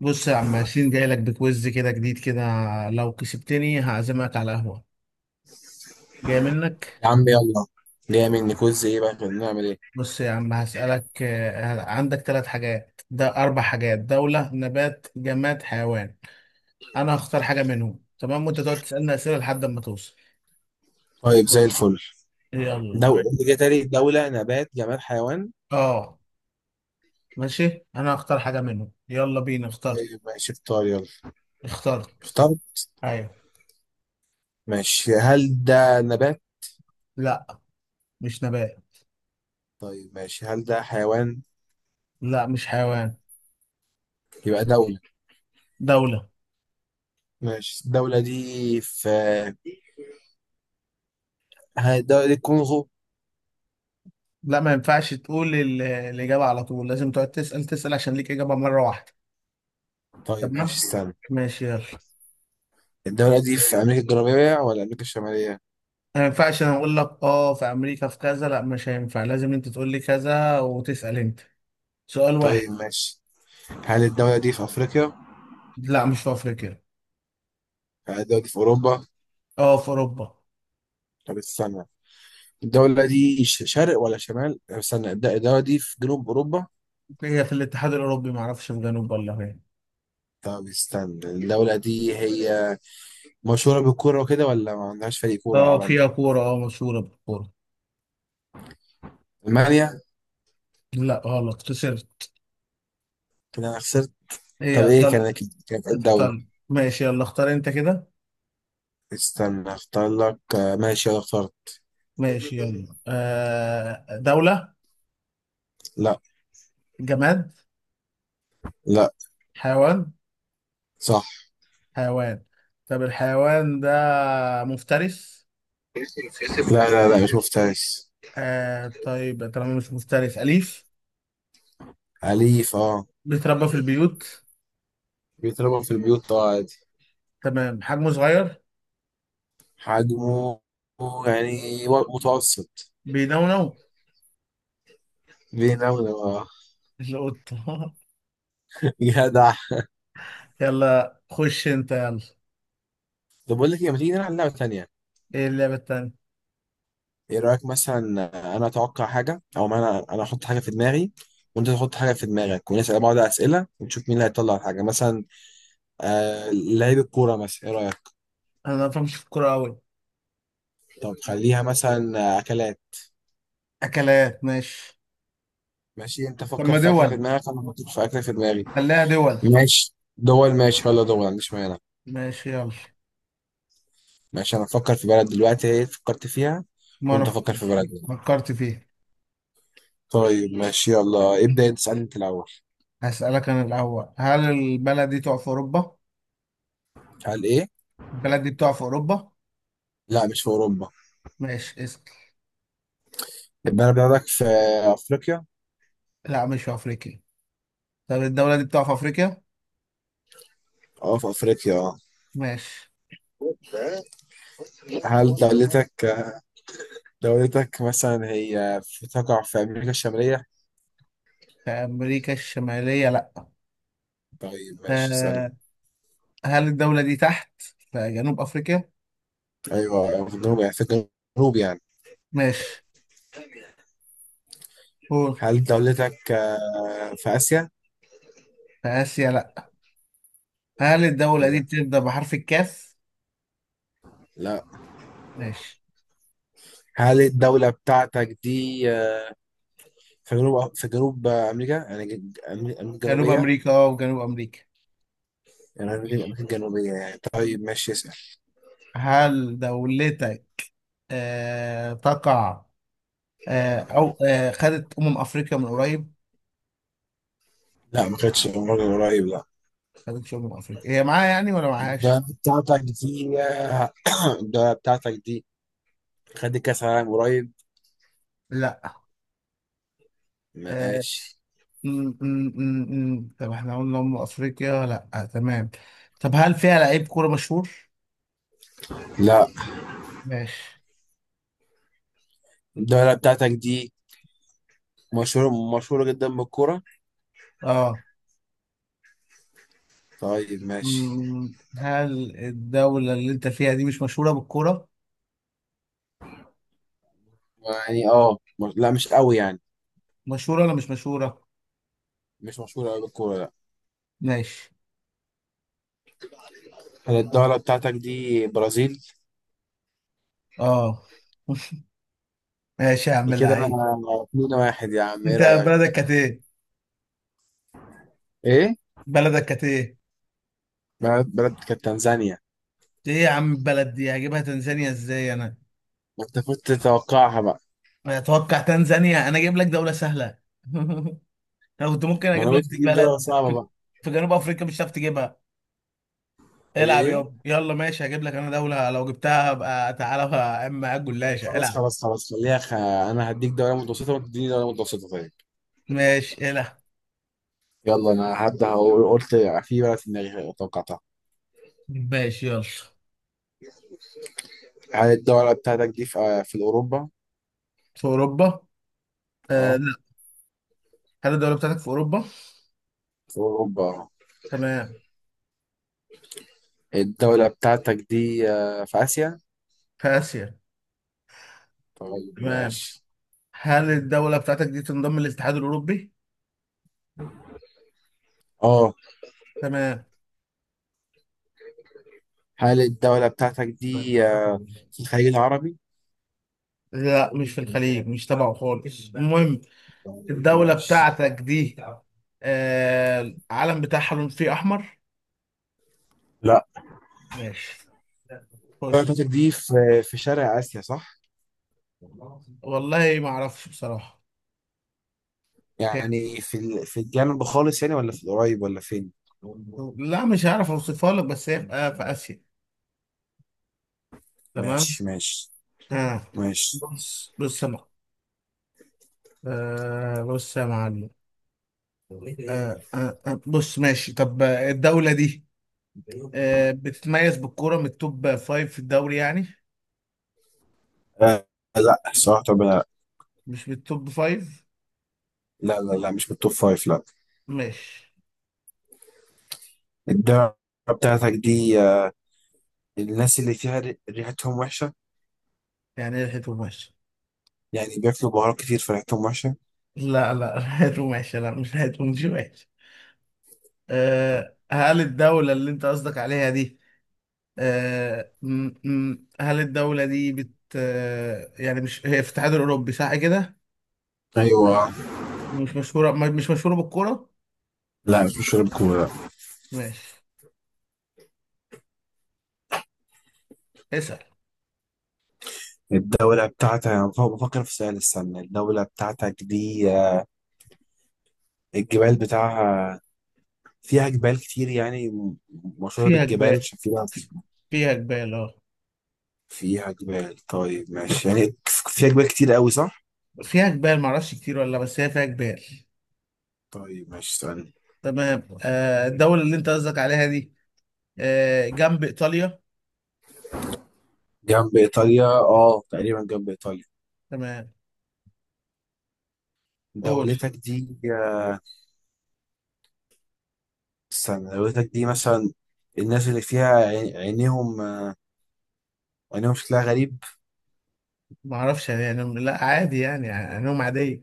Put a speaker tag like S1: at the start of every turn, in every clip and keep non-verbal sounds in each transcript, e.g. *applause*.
S1: بص يا عم ياسين، جاي لك بكويز كده جديد كده. لو كسبتني هعزمك على قهوة. جاي منك.
S2: يا عم يلا. جاي مني كوز ايه بقى؟ كنا نعمل ايه؟
S1: بص يا عم هسألك عندك ثلاث حاجات، ده أربع حاجات: دولة، نبات، جماد، حيوان. أنا هختار حاجة منهم، تمام، وأنت تقعد تسألني أسئلة لحد ما توصل.
S2: طيب زي الفل.
S1: يلا
S2: دولة
S1: ماشي.
S2: جتري، دولة نبات جماد حيوان.
S1: أه. ماشي أنا هختار حاجة منهم، يلا بينا اخترت.
S2: طيب ماشي اختار يلا.
S1: اخترت.
S2: اختار.
S1: أيوه.
S2: ماشي، هل ده نبات؟
S1: لا، مش نبات.
S2: طيب ماشي، هل ده حيوان؟
S1: لا، مش حيوان.
S2: يبقى دولة.
S1: دولة.
S2: ماشي الدولة دي في، هل الدولة دي الكونغو؟
S1: لا، ما ينفعش تقول الإجابة على طول، لازم تقعد تسأل تسأل، عشان ليك إجابة مرة واحدة.
S2: طيب
S1: تمام.
S2: ماشي استنى.
S1: ماشي يلا.
S2: الدولة دي في أمريكا الجنوبية ولا أمريكا الشمالية؟
S1: ما ينفعش أنا أقول لك في أمريكا في كذا، لا مش هينفع، لازم أنت تقول لي كذا وتسأل أنت. سؤال واحد.
S2: طيب ماشي، هل الدولة دي في أفريقيا؟
S1: لا، مش في أفريقيا.
S2: هل الدولة دي في أوروبا؟
S1: آه، في أوروبا.
S2: طب استنى، الدولة دي شرق ولا شمال؟ استنى، الدولة دي في جنوب أوروبا؟
S1: هي في الاتحاد الأوروبي، معرفش في جنوب ولا فين.
S2: طب استنى، الدولة دي هي مشهورة بالكورة وكده ولا ما عندهاش فريق كورة
S1: آه
S2: عالمي؟
S1: فيها كورة، آه مشهورة بالكورة.
S2: ألمانيا؟
S1: لا غلط، خسرت.
S2: كده أنا خسرت.
S1: هي
S2: طب إيه
S1: إيطاليا.
S2: كانت، كانت إيه
S1: كانت
S2: الدولة؟
S1: إيطاليا. ماشي يلا، اختار أنت كده.
S2: استنى أختار لك ماشي أنا اخترت.
S1: ماشي يلا. آه، دولة.
S2: لا.
S1: جماد.
S2: لا
S1: حيوان.
S2: صح
S1: حيوان. طب الحيوان ده مفترس؟
S2: لا، ما شفتهاش.
S1: آه طيب، طالما مش مفترس، أليف.
S2: أليف أه.
S1: بيتربى في البيوت.
S2: بيتربى في البيوت أه عادي.
S1: تمام، حجمه صغير.
S2: حجمه يعني متوسط.
S1: بينونو.
S2: بيناوله أه.
S1: القطة.
S2: *laughs* جدع.
S1: *laughs* يلا خش انت يلا.
S2: طب بقول لك إيه، ما تيجي نلعب لعبة تانية؟
S1: ايه اللعبة التانية؟
S2: ايه رايك مثلا، انا اتوقع حاجه او ما انا احط حاجه في دماغي، وانت تحط حاجه في دماغك، ونسال بعض اسئله ونشوف مين اللي هيطلع الحاجه. مثلا آه لعيب الكوره مثلا، ايه رايك؟
S1: انا ما بفهمش في الكورة أوي.
S2: طب خليها مثلا اكلات.
S1: أكلات ماشي.
S2: ماشي، انت
S1: طب
S2: فكر
S1: ما
S2: في اكله في
S1: دول.
S2: دماغك، انا افكر في اكله في دماغي.
S1: خليها دول.
S2: ماشي دول، ماشي يلا دول ما عنديش مانع.
S1: ماشي يلا.
S2: ماشي، انا افكر في بلد دلوقتي، ايه فكرت فيها.
S1: ما أنا
S2: وانت فكر في بلد.
S1: فكرت فيه.
S2: طيب ماشي يلا ابدا، انت اسالني انت الاول.
S1: هسألك أنا الأول: هل البلد دي تقع في أوروبا؟
S2: هل ايه؟
S1: البلد دي بتقع في أوروبا؟
S2: لا مش في اوروبا.
S1: ماشي اسأل.
S2: البلد بتاعتك في افريقيا؟
S1: لا، مش في أفريقيا. طب الدولة دي بتقع في أفريقيا؟
S2: اه في افريقيا اه.
S1: ماشي.
S2: هل دولتك، دولتك مثلا هي تقع في أمريكا الشمالية؟
S1: في أمريكا الشمالية، لأ.
S2: طيب ماشي اسألني.
S1: آه، هل الدولة دي تحت، في جنوب أفريقيا؟
S2: أيوة في الجنوب يعني، في الجنوب يعني.
S1: ماشي، قول.
S2: هل دولتك في آسيا؟
S1: في آسيا، لأ. هل
S2: إيه
S1: الدولة دي
S2: ده؟
S1: بتبدأ بحرف الكاف؟
S2: لا.
S1: ماشي.
S2: هل الدولة بتاعتك دي في جنوب، في جنوب أمريكا؟ يعني أمريكا، أمريكا
S1: جنوب
S2: الجنوبية؟
S1: أمريكا أه، وجنوب أمريكا.
S2: يعني أمريكا،
S1: ماشي.
S2: أمريكا الجنوبية يعني. طيب ماشي اسأل.
S1: هل دولتك تقع أو خدت أمم أفريقيا من قريب؟
S2: لا ما كانتش مرة قريب لا.
S1: خدتش أمم أفريقيا هي، معاها يعني ولا معاهاش؟
S2: الدولة بتاعتك دي *coughs* *clears throat* الدولة بتاعتك دي خدت كأس عالم قريب؟
S1: لأ. آه،
S2: ماشي.
S1: طب احنا قلنا أم أفريقيا، لأ تمام. طب هل فيها لعيب كورة مشهور؟
S2: لا.
S1: ماشي.
S2: الدولة بتاعتك دي مشهورة جدا بالكورة.
S1: اه.
S2: طيب ماشي
S1: مم، هل الدولة اللي انت فيها دي مش مشهورة بالكورة؟
S2: يعني. اه لا مش قوي يعني.
S1: مشهورة ولا مش مشهورة؟
S2: مش مشهورة قوي بالكورة لا.
S1: ماشي.
S2: هل الدولة بتاعتك دي برازيل؟
S1: اه. *laughs* ماشي يا عم
S2: كده
S1: اللعيب.
S2: انا، اتنين واحد يا عم، ايه
S1: انت بلدك
S2: رأيك؟
S1: كانت ايه؟
S2: ايه؟
S1: بلدك كانت ايه؟
S2: بلد، بلد كانت تنزانيا.
S1: ايه يا عم، البلد دي هجيبها تنزانيا ازاي انا؟
S2: ما انت كنت تتوقعها بقى.
S1: اتوقع تنزانيا! انا اجيب لك دولة سهلة. *laughs* انا كنت ممكن
S2: ما انا
S1: اجيب لك
S2: قلت تجيب دولة
S1: بلد
S2: صعبة
S1: في،
S2: بقى.
S1: في جنوب افريقيا مش هتعرف تجيبها. العب
S2: ايه؟
S1: يابا، يلا ماشي هجيب لك انا دولة، لو جبتها ابقى تعالى بقى، اما على
S2: طب
S1: الجلاشة
S2: خلاص
S1: العب.
S2: خلاص خلاص خليها خ... انا هديك دولة متوسطة وانت تديني دولة متوسطة طيب.
S1: ماشي العب.
S2: يلا انا هبدأ قلت في بلد في دماغي توقعتها.
S1: ماشي يلا.
S2: هل الدولة بتاعتك دي في, في اوروبا؟
S1: في اوروبا؟ آه
S2: اه
S1: لا. هل الدولة بتاعتك في اوروبا؟
S2: اوروبا.
S1: تمام.
S2: الدولة بتاعتك دي في آسيا؟
S1: في اسيا؟ تمام.
S2: ماشي.
S1: هل الدولة بتاعتك دي تنضم للاتحاد الاوروبي؟
S2: اه.
S1: تمام.
S2: هل الدولة بتاعتك دي في الخليج العربي؟
S1: لا، مش في الخليج، مش تبعه خالص، المهم.
S2: طيب،
S1: الدولة
S2: ماشي.
S1: بتاعتك دي آه العلم بتاعها لون فيه احمر؟
S2: لا.
S1: ماشي،
S2: الدولة
S1: خش.
S2: بتاعتك دي في، في شرق آسيا صح؟
S1: والله ما اعرفش بصراحة.
S2: يعني في في الجنوب خالص يعني، ولا في القريب ولا فين؟
S1: لا مش هعرف اوصفها لك، بس هي في في اسيا. تمام.
S2: ماشي ماشي
S1: آه.
S2: ماشي.
S1: بص يا معلم. آه بص يا معلم. آه بص ماشي. طب الدولة دي بتتميز بالكورة، من التوب فايف في الدوري يعني.
S2: آه لا صراحة، طب لا.
S1: مش من التوب فايف؟
S2: لا، مش من التوب فايف لا.
S1: ماشي.
S2: الدولة بتاعتك دي الناس اللي فيها ريحتهم وحشة؟
S1: يعني لحقته ماشي.
S2: يعني بياكلوا بهارات كتير فريحتهم وحشة.
S1: لا لا، *laughs* لحقته ماشي، لا مش لحقته مش ماشي. آه، هل الدولة اللي انت قصدك عليها دي، هل الدولة دي بت آه، يعني، مش هي في الاتحاد الأوروبي صح كده؟
S2: ايوه.
S1: مش مشهورة مش مشهورة بالكورة؟
S2: لا مش بشرب كورة.
S1: ماشي اسأل.
S2: الدولة بتاعتك، أنا بفكر في سؤال السنة. الدولة بتاعتك دي الجبال بتاعها، فيها جبال كتير يعني مشهورة
S1: فيها
S2: بالجبال
S1: جبال.
S2: عشان فيها.
S1: في- فيها جبال اه.
S2: فيها جبال طيب ماشي يعني. فيها جبال كتير قوي صح؟
S1: فيها جبال، معرفش كتير ولا بس هي فيها جبال.
S2: طيب ماشي استنى.
S1: تمام. الدولة اللي أنت قصدك عليها دي جنب إيطاليا؟
S2: جنب إيطاليا اه، تقريبا جنب إيطاليا.
S1: تمام. قول.
S2: دولتك دي استنى دولتك دي مثلا، الناس اللي فيها عينيهم عينيهم شكلها غريب.
S1: معرفش يعني، يعني لا عادي يعني، علوم عادية.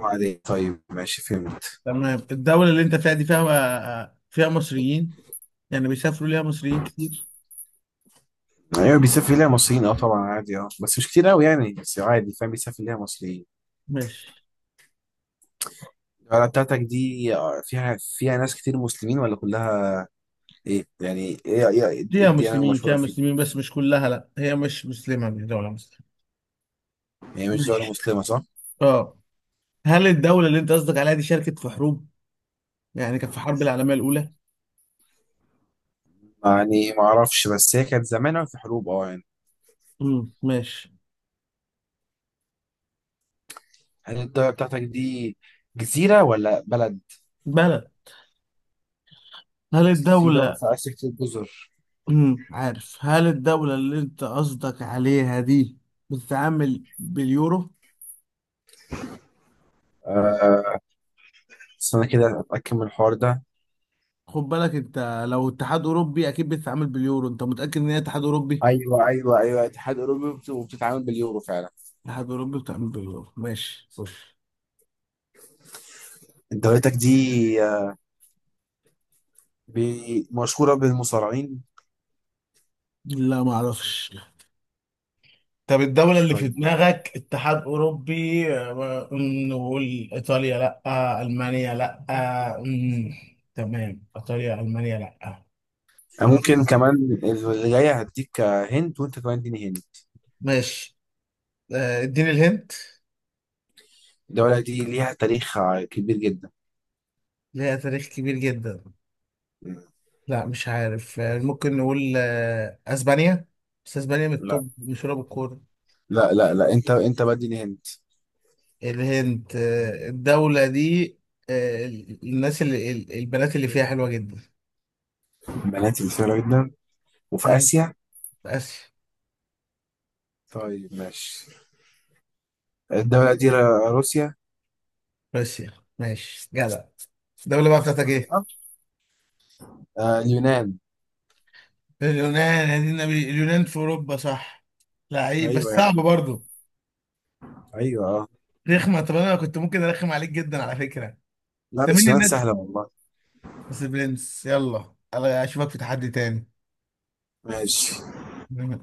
S2: عادي طيب ماشي فهمت.
S1: تمام. الدولة اللي أنت فيها دي فيها فيها مصريين؟ يعني بيسافروا ليها مصريين كتير؟
S2: ايوه بيسافر ليها مصريين اه طبعا عادي اه، بس مش كتير قوي يعني، بس عادي فاهم، بيسافر ليها مصريين.
S1: ماشي.
S2: القلعه بتاعتك دي فيها، فيها ناس كتير مسلمين ولا كلها ايه يعني؟ ايه ايه
S1: فيها
S2: الديانه
S1: مسلمين،
S2: المشهوره
S1: فيها
S2: فيه؟
S1: مسلمين بس مش كلها، لا هي مش مسلمة، مش دولة مسلمة.
S2: يعني مش دولة
S1: ماشي.
S2: مسلمة صح؟
S1: اه. هل الدولة اللي انت قصدك عليها دي شاركت في حروب؟ يعني كانت في الحرب العالمية الأولى؟
S2: يعني ما اعرفش، بس هي كانت زمان أوي في حروب اه يعني.
S1: ماشي.
S2: هل الدولة بتاعتك دي جزيرة ولا بلد؟
S1: بلد. هل
S2: اصل في دول
S1: الدولة.
S2: في آسيا كتير جزر.
S1: عارف. هل الدولة اللي انت قصدك عليها دي بتتعامل باليورو؟
S2: آه استنى كده اتأكد من الحوار ده.
S1: خد بالك انت، لو اتحاد أوروبي أكيد بتتعامل باليورو، انت متأكد ان هي اتحاد أوروبي؟
S2: ايوه ايوه ايوه اتحاد اوروبي وبتتعامل باليورو فعلا.
S1: اتحاد أوروبي بتتعامل باليورو، ماشي خش.
S2: دولتك دي مشهورة بالمصارعين.
S1: لا ما اعرفش. طب الدولة اللي في
S2: طيب
S1: دماغك اتحاد أوروبي، آه، م، نقول إيطاليا لأ، ألمانيا لأ، آه، م، تمام إيطاليا ألمانيا لأ، فرنسا.
S2: ممكن كمان، اللي جاية هديك هنت، وانت كمان اديني هنت.
S1: ماشي. اديني الهنت.
S2: الدولة دي ليها تاريخ كبير جدا.
S1: ليها تاريخ كبير جدا؟ لا مش عارف. ممكن نقول أسبانيا. بس أسبانيا من
S2: لا
S1: التوب مشهورة بالكورة.
S2: لا، انت انت بديني هنت.
S1: الهند. الدولة دي آه، الناس اللي البنات اللي فيها حلوة جدا؟
S2: بنات كتيرة جدا، وفي
S1: طيب،
S2: آسيا.
S1: في آسيا.
S2: طيب ماشي. الدولة دي روسيا؟
S1: روسيا؟ ماشي جدع. الدولة بقى بتاعتك ايه؟
S2: آه اليونان.
S1: اليونان؟ يا دين النبي، اليونان في اوروبا صح. لعيب
S2: ايوه
S1: بس صعب
S2: يعني،
S1: برضه.
S2: ايوه اه.
S1: رخمة، طب انا كنت ممكن ارخم عليك جدا على فكرة.
S2: لا
S1: انت
S2: بس
S1: مين
S2: اليونان
S1: الناس؟
S2: سهلة والله.
S1: بس برنس، يلا أنا اشوفك في تحدي
S2: ماشي.
S1: تاني.